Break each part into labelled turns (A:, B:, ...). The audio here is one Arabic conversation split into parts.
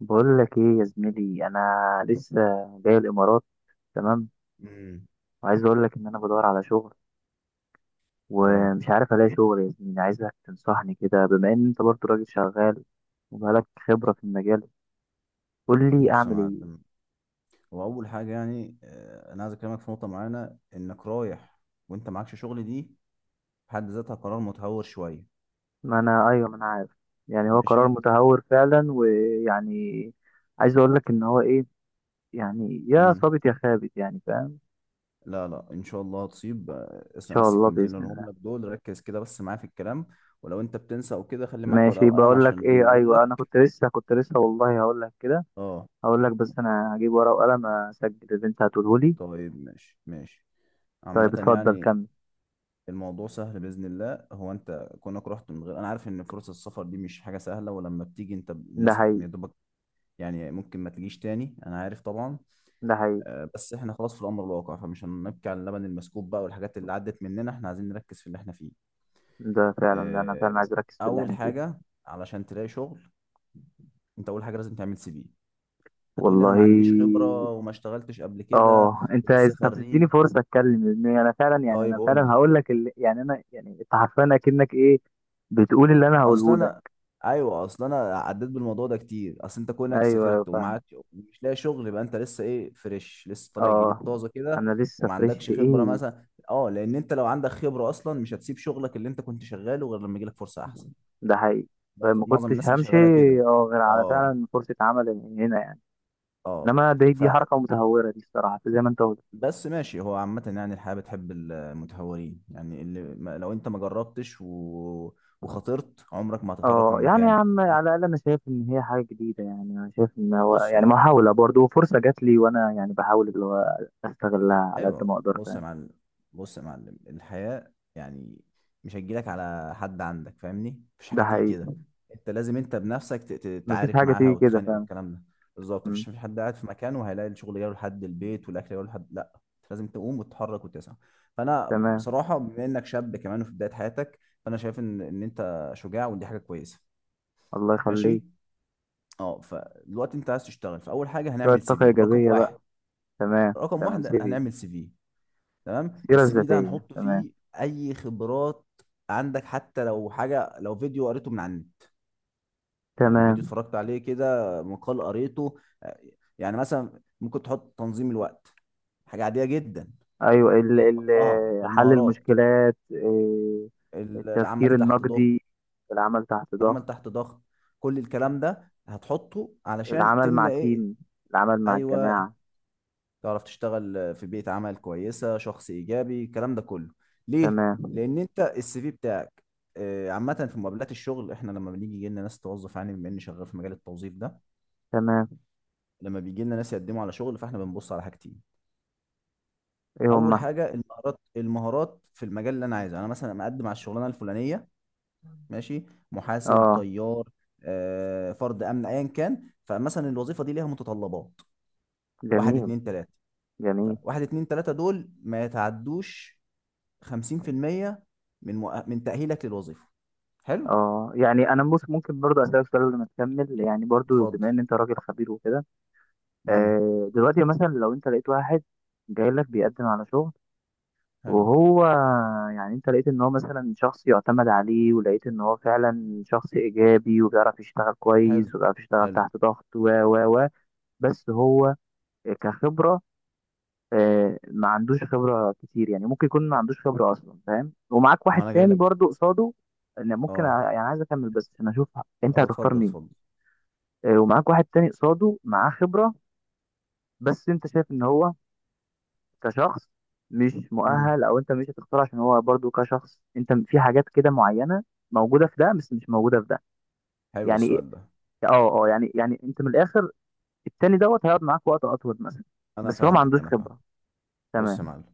A: بقول لك ايه يا زميلي، انا لسه جاي الامارات. تمام.
B: امم
A: وعايز اقول لك ان انا بدور على شغل
B: اه
A: ومش عارف الاقي شغل يا زميلي. عايزك تنصحني كده، بما ان انت برضه راجل شغال وبقالك خبرة في المجال. قول لي
B: بص يا
A: اعمل ايه.
B: معلم. هو اول حاجه يعني انا عايز اكلمك في نقطه معينه. انك رايح وانت معكش شغل دي في حد ذاتها قرار متهور شويه.
A: ما انا ايوه، ما انا عارف. يعني هو قرار
B: ماشي.
A: متهور فعلا، ويعني عايز اقول لك ان هو ايه. يعني يا
B: امم
A: صابت يا خابت، يعني فاهم، ان
B: لا، ان شاء الله هتصيب. اسمع
A: شاء
B: بس
A: الله،
B: الكلمتين اللي
A: باذن الله.
B: هقولهم لك دول، ركز كده بس معايا في الكلام. ولو انت بتنسى او كده، خلي معاك ورقه
A: ماشي.
B: وقلم
A: بقول لك
B: عشان لما
A: ايه،
B: اقول
A: ايوه، انا
B: لك.
A: كنت لسه والله، هقول لك كده.
B: اه
A: هقول لك، بس انا هجيب ورقه وقلم اسجل اللي انت هتقوله لي.
B: طيب ماشي.
A: طيب،
B: عامه
A: اتفضل
B: يعني
A: كمل.
B: الموضوع سهل باذن الله. هو انت كونك رحت من غير، انا عارف ان فرص السفر دي مش حاجه سهله، ولما بتيجي انت
A: ده
B: الناس
A: حقيقي،
B: يا دوبك يعني ممكن ما تجيش تاني، انا عارف طبعا.
A: ده حقيقي.
B: بس احنا خلاص في الامر الواقع، فمش هنبكي على اللبن المسكوب بقى، والحاجات اللي عدت مننا احنا عايزين نركز في اللي احنا فيه.
A: ده فعلا، ده انا
B: آه،
A: فعلا عايز اركز في اللي
B: اول
A: احنا فيه،
B: حاجه علشان تلاقي شغل، انت اول حاجه لازم تعمل سي في. هتقول لي انا
A: والله.
B: ما عنديش خبره وما اشتغلتش قبل كده
A: اه،
B: ولسه
A: طب تديني
B: خريج.
A: فرصه اتكلم. لان انا فعلا،
B: طيب قول لي.
A: هقول لك اللي، يعني انا يعني انت حرفيا اكنك ايه بتقول اللي انا
B: اصل
A: هقوله
B: انا
A: لك.
B: ايوه اصل انا عديت بالموضوع ده كتير. اصل انت كونك
A: ايوه، ايوه،
B: سافرت
A: فاهمك.
B: ومعاك مش لاقي شغل، يبقى انت لسه ايه؟ فريش، لسه طالع جديد
A: اه،
B: طازه كده،
A: انا لسه
B: وما
A: فريش
B: عندكش
A: في
B: خبره
A: ايه.
B: مثلا. اه لان انت لو عندك خبره اصلا مش هتسيب شغلك اللي انت كنت شغاله غير لما يجيلك فرصه احسن.
A: ده حقيقي. طيب،
B: معظم
A: ما
B: معظم
A: كنتش
B: الناس اللي
A: همشي،
B: شغاله كده.
A: اه، غير على
B: اه
A: فعلا فرصه عمل من هنا يعني.
B: اه،
A: انما دي حركه متهوره، دي الصراحه زي ما انت قلت.
B: فبس ماشي. هو عامة يعني الحياة بتحب المتهورين. يعني اللي ما- لو انت ما جربتش وخاطرت، عمرك ما هتتحرك
A: اه،
B: من
A: يعني يا
B: مكانك.
A: عم، على الاقل انا شايف ان هي حاجه جديده. يعني انا شايف ان هو
B: بص
A: يعني
B: هو،
A: محاوله برضه، وفرصه جات لي، وانا يعني بحاول اللي هو استغلها على قد ما
B: ايوه
A: اقدر،
B: بص يا
A: فاهم.
B: معلم. بص يا معلم، الحياه يعني مش هتجيلك على حد عندك، فاهمني؟ مفيش حاجه
A: ده
B: تيجي
A: حقيقي.
B: كده. انت لازم بنفسك
A: مفيش
B: تعارك
A: حاجه
B: معاها
A: تيجي كده،
B: وتخانق
A: فاهم.
B: والكلام ده. بالظبط،
A: مم.
B: مفيش حد قاعد في مكانه وهيلاقي الشغل جاي لحد البيت والاكل جاي لحد، لا. انت لازم تقوم وتتحرك وتسعى. فانا
A: تمام.
B: بصراحه بما انك شاب كمان وفي بدايه حياتك، فانا شايف ان انت شجاع ودي حاجه كويسه.
A: الله
B: ماشي.
A: يخليك.
B: اه، فدلوقتي انت عايز تشتغل، فاول حاجه
A: شويه
B: هنعمل سي
A: طاقه
B: في. رقم
A: ايجابيه
B: واحد،
A: بقى. تمام،
B: رقم
A: تمام،
B: واحد
A: سيبي.
B: هنعمل سي في. تمام.
A: السيره
B: السي في ده
A: الذاتيه،
B: هنحط
A: تمام.
B: فيه اي خبرات عندك، حتى لو حاجه، لو فيديو قريته من على النت، يعني فيديو
A: تمام.
B: اتفرجت عليه كده، مقال قريته. يعني مثلا ممكن تحط تنظيم الوقت، حاجه عاديه جدا.
A: ايوه، ال ال
B: هتحطها في
A: حل
B: المهارات.
A: المشكلات، التفكير
B: العمل تحت ضغط،
A: النقدي، العمل تحت
B: العمل
A: ضغط.
B: تحت ضغط. كل الكلام ده هتحطه علشان
A: العمل مع
B: تملى ايه؟
A: تيم، العمل مع
B: ايوه،
A: الجماعه.
B: تعرف تشتغل في بيئة عمل كويسة، شخص إيجابي، الكلام ده كله. ليه؟
A: تمام،
B: لأن أنت السي في بتاعك، عامة في مقابلات الشغل احنا لما بنيجي يجي لنا ناس توظف، يعني بما اني شغال في مجال التوظيف ده،
A: تمام.
B: لما بيجي لنا ناس يقدموا على شغل، فاحنا بنبص على حاجتين.
A: ايه
B: اول
A: هم؟
B: حاجه المهارات، المهارات في المجال اللي انا عايزه. انا مثلا مقدم على الشغلانه الفلانيه، ماشي، محاسب،
A: اه،
B: طيار، فرد امن، ايا كان. فمثلا الوظيفه دي ليها متطلبات، واحد
A: جميل،
B: اتنين تلاته.
A: جميل.
B: فواحد اتنين تلاته دول ما يتعدوش 50% من من تأهيلك للوظيفة. حلو،
A: اه، يعني ممكن برضو اسالك سؤال قبل ما تكمل، يعني برضو
B: اتفضل.
A: بما ان انت راجل خبير وكده.
B: امم
A: دلوقتي مثلا لو انت لقيت واحد جاي لك بيقدم على شغل،
B: حلو،
A: وهو، يعني انت لقيت ان هو مثلا شخص يعتمد عليه، ولقيت ان هو فعلا شخص ايجابي، وبيعرف يشتغل
B: حلو
A: كويس، وبيعرف يشتغل
B: حلو.
A: تحت ضغط، و بس هو كخبرة، ما عندوش خبرة كتير. يعني ممكن يكون ما عندوش خبرة أصلا، فاهم، ومعاك
B: ما
A: واحد
B: انا جاي
A: تاني
B: لك.
A: برضو قصاده. أنا ممكن
B: اه
A: يعني عايز أكمل بس عشان أشوف أنت
B: اه،
A: هتختار
B: اتفضل
A: مين.
B: اتفضل.
A: ومعاك واحد تاني قصاده معاه خبرة، بس أنت شايف إن هو كشخص مش
B: امم
A: مؤهل. أو أنت مش هتختار عشان هو برضو كشخص، أنت في حاجات كده معينة موجودة في ده بس مش موجودة في ده.
B: حلو
A: يعني
B: السؤال ده.
A: يعني أنت من الآخر، التاني دوت هيقعد معاك وقت أطول مثلا،
B: انا
A: بس هو ما
B: فاهمك،
A: عندوش
B: انا فاهمك.
A: خبرة.
B: بص يا
A: تمام،
B: معلم،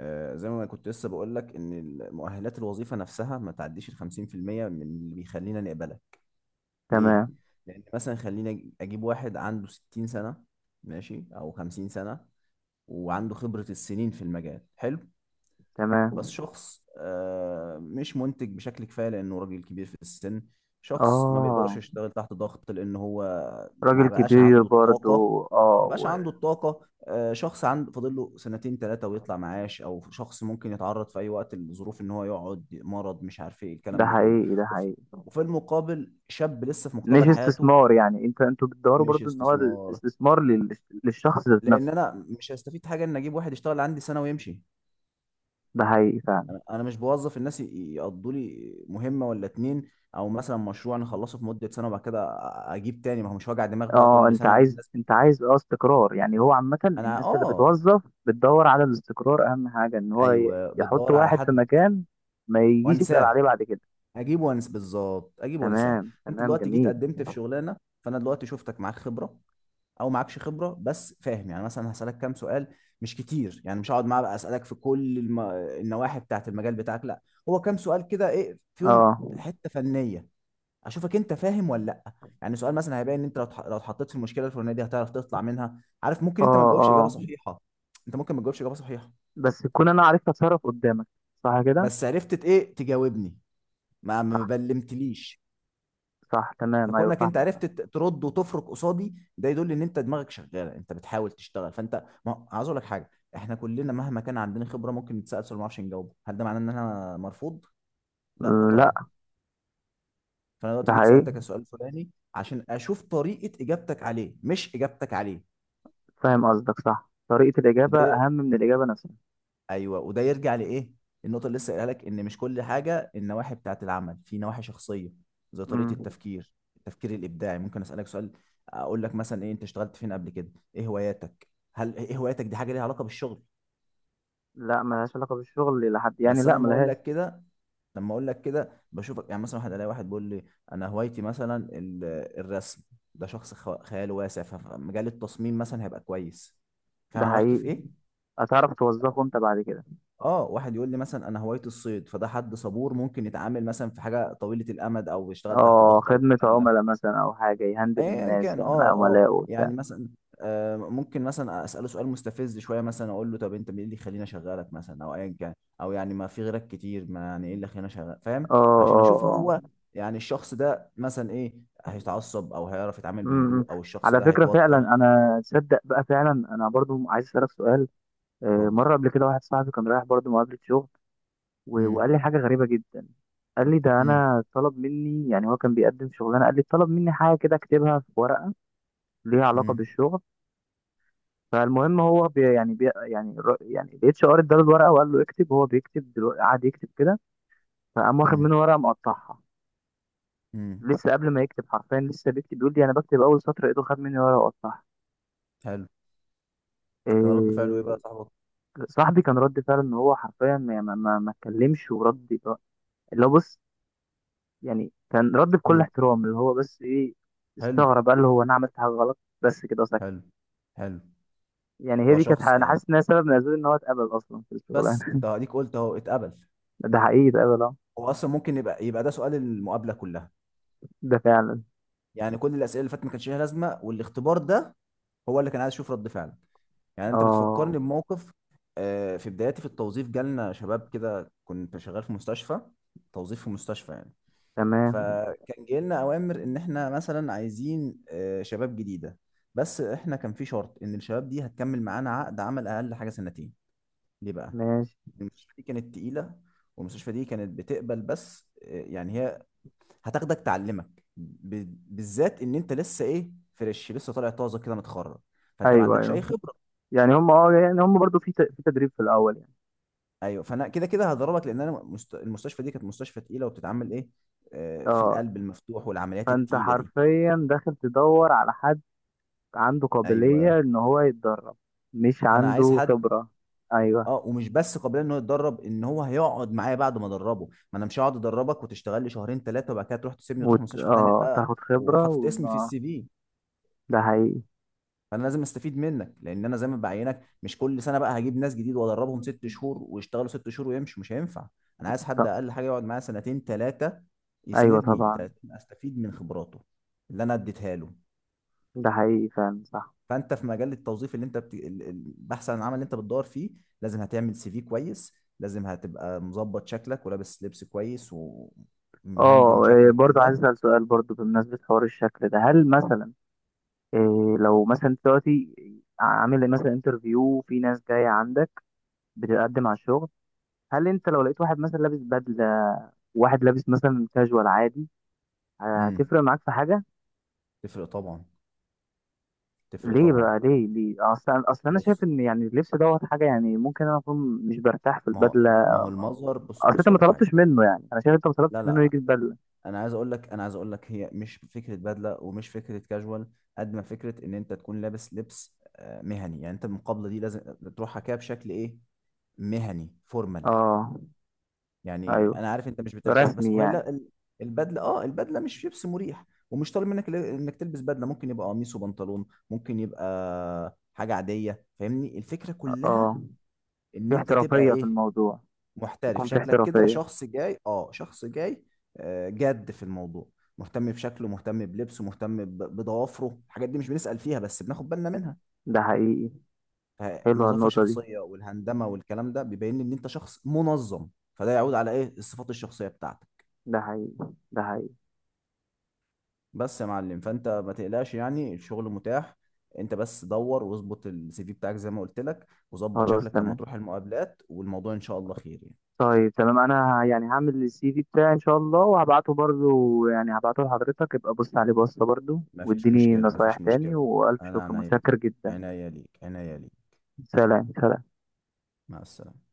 B: آه زي ما أنا كنت لسه بقول لك ان مؤهلات الوظيفة نفسها ما تعديش ال 50% من اللي بيخلينا نقبلك. ليه؟
A: تمام،
B: لان مثلا خليني اجيب واحد عنده 60 سنة، ماشي، او 50 سنة، وعنده خبرة السنين في المجال، حلو. بس
A: تمام.
B: شخص مش منتج بشكل كفايه لانه راجل كبير في السن. شخص ما بيقدرش
A: اه،
B: يشتغل تحت ضغط لان هو
A: راجل
B: ما بقاش
A: كبير
B: عنده الطاقه
A: برضو، اه
B: ما بقاش
A: و-
B: عنده الطاقه شخص عنده فاضل له سنتين ثلاثه ويطلع معاش، او شخص ممكن يتعرض في اي وقت لظروف ان هو يقعد مرض، مش عارف ايه
A: ده
B: الكلام ده كله.
A: حقيقي، ده
B: وفي
A: حقيقي.
B: وفي المقابل شاب لسه في
A: مش
B: مقتبل حياته.
A: استثمار، يعني انتوا بتدوروا
B: مش
A: برضو ان هو
B: استثمار،
A: الاستثمار للشخص ذات
B: لان
A: نفسه.
B: انا مش هستفيد حاجه ان اجيب واحد يشتغل عندي سنه ويمشي.
A: ده حقيقي فعلا.
B: أنا مش بوظف الناس يقضوا لي مهمه ولا اتنين، او مثلا مشروع نخلصه في مده سنه وبعد كده اجيب تاني. ما هو مش وجع دماغ بقى
A: اه،
B: كل
A: انت
B: سنه اجيب
A: عايز
B: ناس.
A: انت عايز اه استقرار، يعني هو عامة
B: انا
A: الناس اللي
B: اه،
A: بتوظف بتدور على الاستقرار. اهم حاجة ان هو
B: ايوه
A: يحط
B: بتدور على
A: واحد في
B: حد
A: مكان ما يجيش يسأل
B: وانساه.
A: عليه بعد كده.
B: اجيب وانس، بالظبط، اجيب وانساه.
A: تمام،
B: انت
A: تمام،
B: دلوقتي جيت
A: جميل.
B: قدمت في شغلانه، فانا دلوقتي شفتك معاك خبره او معكش خبره، بس فاهم يعني. مثلا هسالك كام سؤال، مش كتير، يعني مش هقعد معاه بقى اسالك في كل النواحي بتاعت المجال بتاعك، لا. هو كام سؤال كده، ايه فيهم
A: اه،
B: حته فنيه اشوفك انت فاهم ولا لا. يعني سؤال مثلا هيبان ان انت لو لو اتحطيت في المشكله الفلانيه دي هتعرف تطلع منها. عارف، ممكن
A: اه،
B: انت ما تجاوبش اجابه
A: اه،
B: صحيحه، انت ممكن ما تجاوبش اجابه صحيحه،
A: بس تكون انا عرفت اتصرف قدامك، صح كده.
B: بس عرفت ايه؟ تجاوبني، ما بلمتليش.
A: صح، تمام. ايوه،
B: فكونك انت
A: فاهمك.
B: عرفت ترد وتفرك قصادي، ده يدل ان انت دماغك شغاله، انت بتحاول تشتغل. فانت، ما عاوز اقول لك حاجه، احنا كلنا مهما كان عندنا خبره ممكن نتسال سؤال ما نعرفش نجاوبه. هل ده معناه ان انا مرفوض؟ لا
A: فاهم. لا،
B: طبعا. فانا
A: ده
B: دلوقتي جيت
A: حقيقي.
B: سالتك السؤال الفلاني عشان اشوف طريقه اجابتك عليه مش اجابتك عليه.
A: فاهم قصدك، صح، طريقة الإجابة
B: وده،
A: أهم من الإجابة نفسها.
B: ايوه وده يرجع لايه؟ النقطه اللي لسه قايلها لك، ان مش كل حاجه النواحي بتاعت العمل، في نواحي شخصيه زي طريقه
A: امم
B: التفكير، التفكير الابداعي. ممكن اسالك سؤال اقول لك مثلا ايه، انت اشتغلت فين قبل كده، ايه هواياتك. هل ايه هواياتك دي حاجه ليها علاقه بالشغل؟
A: لا، ملهاش علاقة بالشغل إلى حد يعني،
B: بس انا
A: لا
B: لما اقول
A: ملهاش.
B: لك كده، لما اقول لك كده بشوفك. يعني مثلا الاقي واحد بيقول لي انا هوايتي مثلا الرسم، ده شخص خياله واسع، فمجال التصميم مثلا هيبقى كويس. فاهم
A: ده
B: انا بحكي في
A: حقيقي.
B: ايه؟
A: هتعرف توظفه أنت بعد كده.
B: اه، واحد يقول لي مثلا انا هوايتي الصيد، فده حد صبور ممكن يتعامل مثلا في حاجه طويله الامد، او يشتغل تحت
A: اه،
B: ضغط او
A: خدمة
B: الكلام ده.
A: عملاء مثلا، أو حاجة يهندل
B: ايا
A: الناس،
B: كان،
A: يعني
B: اه
A: عملاء وبتاع.
B: يعني مثلا، آه ممكن مثلا اساله سؤال مستفز شويه. مثلا اقول له طب انت مين اللي يخليني اشغلك مثلا، او ايا كان، او يعني ما في غيرك كتير، ما يعني ايه اللي يخليني اشغلك،
A: اه،
B: فاهم؟ عشان
A: اه،
B: اشوف
A: اه،
B: هو يعني الشخص ده مثلا ايه، هيتعصب او هيعرف يتعامل
A: امم
B: بهدوء، او الشخص
A: على
B: ده
A: فكرة فعلا،
B: هيتوتر.
A: أنا تصدق بقى، فعلا أنا برضو عايز أسألك سؤال.
B: اتفضل.
A: مرة قبل كده واحد صاحبي كان رايح برضو مقابلة شغل.
B: امم
A: وقال لي حاجة غريبة جدا. قال لي ده
B: امم
A: انا طلب مني، يعني هو كان بيقدم شغلانه، قال لي طلب مني حاجه كده اكتبها في ورقه ليه علاقه
B: امم
A: بالشغل. فالمهم هو بي يعني بي يعني الر- يعني الاتش ار اداله الورقه، وقال له اكتب. هو بيكتب دلوقتي، قعد يكتب كده. فقام واخد منه ورقه مقطعها.
B: امم.
A: لسه قبل ما يكتب حرفيا، لسه بيكتب، بيقول لي انا بكتب اول سطر، ايده خد مني ورقه وقطعها.
B: حلو. كان رد فعله ايه بقى يا
A: إيه.
B: صاحبك؟
A: صاحبي كان رد فعله ان هو حرفيا، ما يعني ما ما ما اتكلمش ورد. اللي هو بص، يعني كان رد بكل احترام اللي هو بس ايه.
B: حلو
A: استغرب قال له هو انا عملت حاجه غلط، بس كده سكت.
B: حلو حلو.
A: يعني هي
B: ده
A: دي كانت
B: شخص
A: انا
B: يعني،
A: حاسس انها سبب من اسباب ان هو اتقبل اصلا في
B: بس
A: الشغلانه.
B: انت هديك قلت اهو اتقبل.
A: ده حقيقي، اتقبل، اه.
B: هو اصلا ممكن يبقى ده سؤال المقابله كلها.
A: ده فعلا،
B: يعني كل الاسئله اللي فاتت ما كانش ليها لازمه، والاختبار ده هو اللي كان عايز اشوف رد فعلك. يعني انت بتفكرني
A: اه.
B: بموقف. في بداياتي في التوظيف جالنا شباب كده، كنت شغال في مستشفى، توظيف في مستشفى يعني.
A: تمام.
B: فكان جاي لنا اوامر ان احنا مثلا عايزين شباب جديده، بس احنا كان في شرط ان الشباب دي هتكمل معانا عقد عمل اقل حاجه سنتين. ليه بقى؟
A: ماشي.
B: المستشفى دي كانت تقيلة. والمستشفى دي كانت بتقبل بس، يعني هي هتاخدك تعلمك بالذات ان انت لسه ايه؟ فريش، لسه طالع طازه كده، متخرج، فانت ما
A: ايوه،
B: عندكش اي
A: ايوه.
B: خبره.
A: يعني هم اه يعني هم برضو في في تدريب في الاول يعني.
B: ايوه. فانا كده كده هضربك، لان انا المستشفى دي كانت مستشفى تقيله وبتتعمل ايه؟ في
A: اه،
B: القلب المفتوح والعمليات
A: فانت
B: التقيله دي.
A: حرفيا داخل تدور على حد عنده قابلية
B: ايوه.
A: ان هو يتدرب، مش
B: فانا عايز
A: عنده
B: حد،
A: خبرة. ايوه،
B: اه، ومش بس قابلين ان هو يتدرب، ان هو هيقعد معايا بعد ما ادربه. ما انا مش هقعد ادربك وتشتغل لي شهرين ثلاثه وبعد كده تروح تسيبني وتروح مستشفى تانيه
A: اه،
B: بقى،
A: تاخد خبرة و...
B: وحاطط اسمي في
A: آه.
B: السي في.
A: ده حقيقي.
B: فانا لازم استفيد منك، لان انا زي ما بعينك مش كل سنه بقى هجيب ناس جديد وادربهم ست شهور ويشتغلوا ست شهور ويمشوا، مش هينفع. انا عايز حد
A: ط-
B: اقل حاجه يقعد معايا سنتين ثلاثه،
A: ايوه،
B: يسندني
A: طبعا.
B: استفيد من خبراته اللي انا اديتها له.
A: ده حقيقي فعلا، صح.
B: فانت في مجال التوظيف اللي انت البحث عن العمل اللي انت بتدور فيه، لازم هتعمل سي في كويس، لازم هتبقى مظبط شكلك ولابس لبس كويس ومهندم
A: اه،
B: شكلك
A: برضو عايز
B: كده.
A: اسال سؤال، برضو بمناسبه حوار الشكل ده، هل مثلا، لو مثلا دلوقتي عامل مثلا انترفيو، في ناس جايه عندك بتقدم على الشغل، هل انت لو لقيت واحد مثلا لابس بدله، واحد لابس مثلا كاجوال عادي،
B: امم
A: هتفرق معاك في حاجه؟
B: تفرق طبعا، تفرق
A: ليه
B: طبعا.
A: بقى، ليه، ليه؟ اصلا، اصلا انا شايف
B: بص،
A: ان يعني اللبس دوت حاجه، يعني ممكن انا اكون مش برتاح في
B: ما هو
A: البدله.
B: ما هو المظهر، بص
A: اصل انت
B: بص
A: ما
B: اقول لك حاجه.
A: طلبتش منه، يعني انا شايف انت ما
B: لا
A: طلبتش منه
B: لا،
A: يجي البدله.
B: انا عايز اقول لك، انا عايز اقول لك هي مش فكره بدله ومش فكره كاجوال، قد ما فكره ان انت تكون لابس لبس مهني. يعني انت المقابله دي لازم تروحها كده بشكل ايه؟ مهني، فورمال.
A: اه.
B: يعني
A: ايوه،
B: انا عارف انت مش بترتاح، بس
A: رسمي
B: وهي
A: يعني.
B: لا البدله، اه البدله مش لبس مريح، ومش طالب منك انك تلبس بدله. ممكن يبقى قميص وبنطلون، ممكن يبقى حاجه عاديه. فاهمني؟ الفكره كلها
A: اه،
B: ان
A: في
B: انت تبقى
A: احترافيه في
B: ايه؟
A: الموضوع.
B: محترف
A: يكون في
B: شكلك كده،
A: احترافيه.
B: شخص جاي، اه شخص جاي جد في الموضوع، مهتم بشكله، مهتم بلبسه، مهتم بضوافره. الحاجات دي مش بنسأل فيها بس بناخد بالنا منها.
A: ده حقيقي. حلوه
B: فنظافة
A: النقطه دي.
B: شخصية والهندمة والكلام ده بيبين لي ان انت شخص منظم، فده يعود على ايه؟ الصفات الشخصية بتاعتك.
A: ده حقيقي، ده حقيقي.
B: بس يا معلم، فانت ما تقلقش يعني، الشغل متاح. انت بس دور واظبط السي في بتاعك زي ما قلت لك، وظبط
A: خلاص،
B: شكلك لما
A: تمام.
B: تروح المقابلات، والموضوع ان شاء الله خير يعني.
A: طيب، تمام، انا يعني هعمل السي في بتاعي ان شاء الله، وهبعته برضو، يعني هبعته لحضرتك ابقى بص عليه بصة برضو،
B: مفيش
A: واديني
B: مشكلة
A: نصايح
B: مفيش
A: تاني،
B: مشكلة
A: والف
B: أنا
A: شكر،
B: عناية،
A: متشكر جدا.
B: عناية ليك.
A: سلام، سلام.
B: مع السلامة.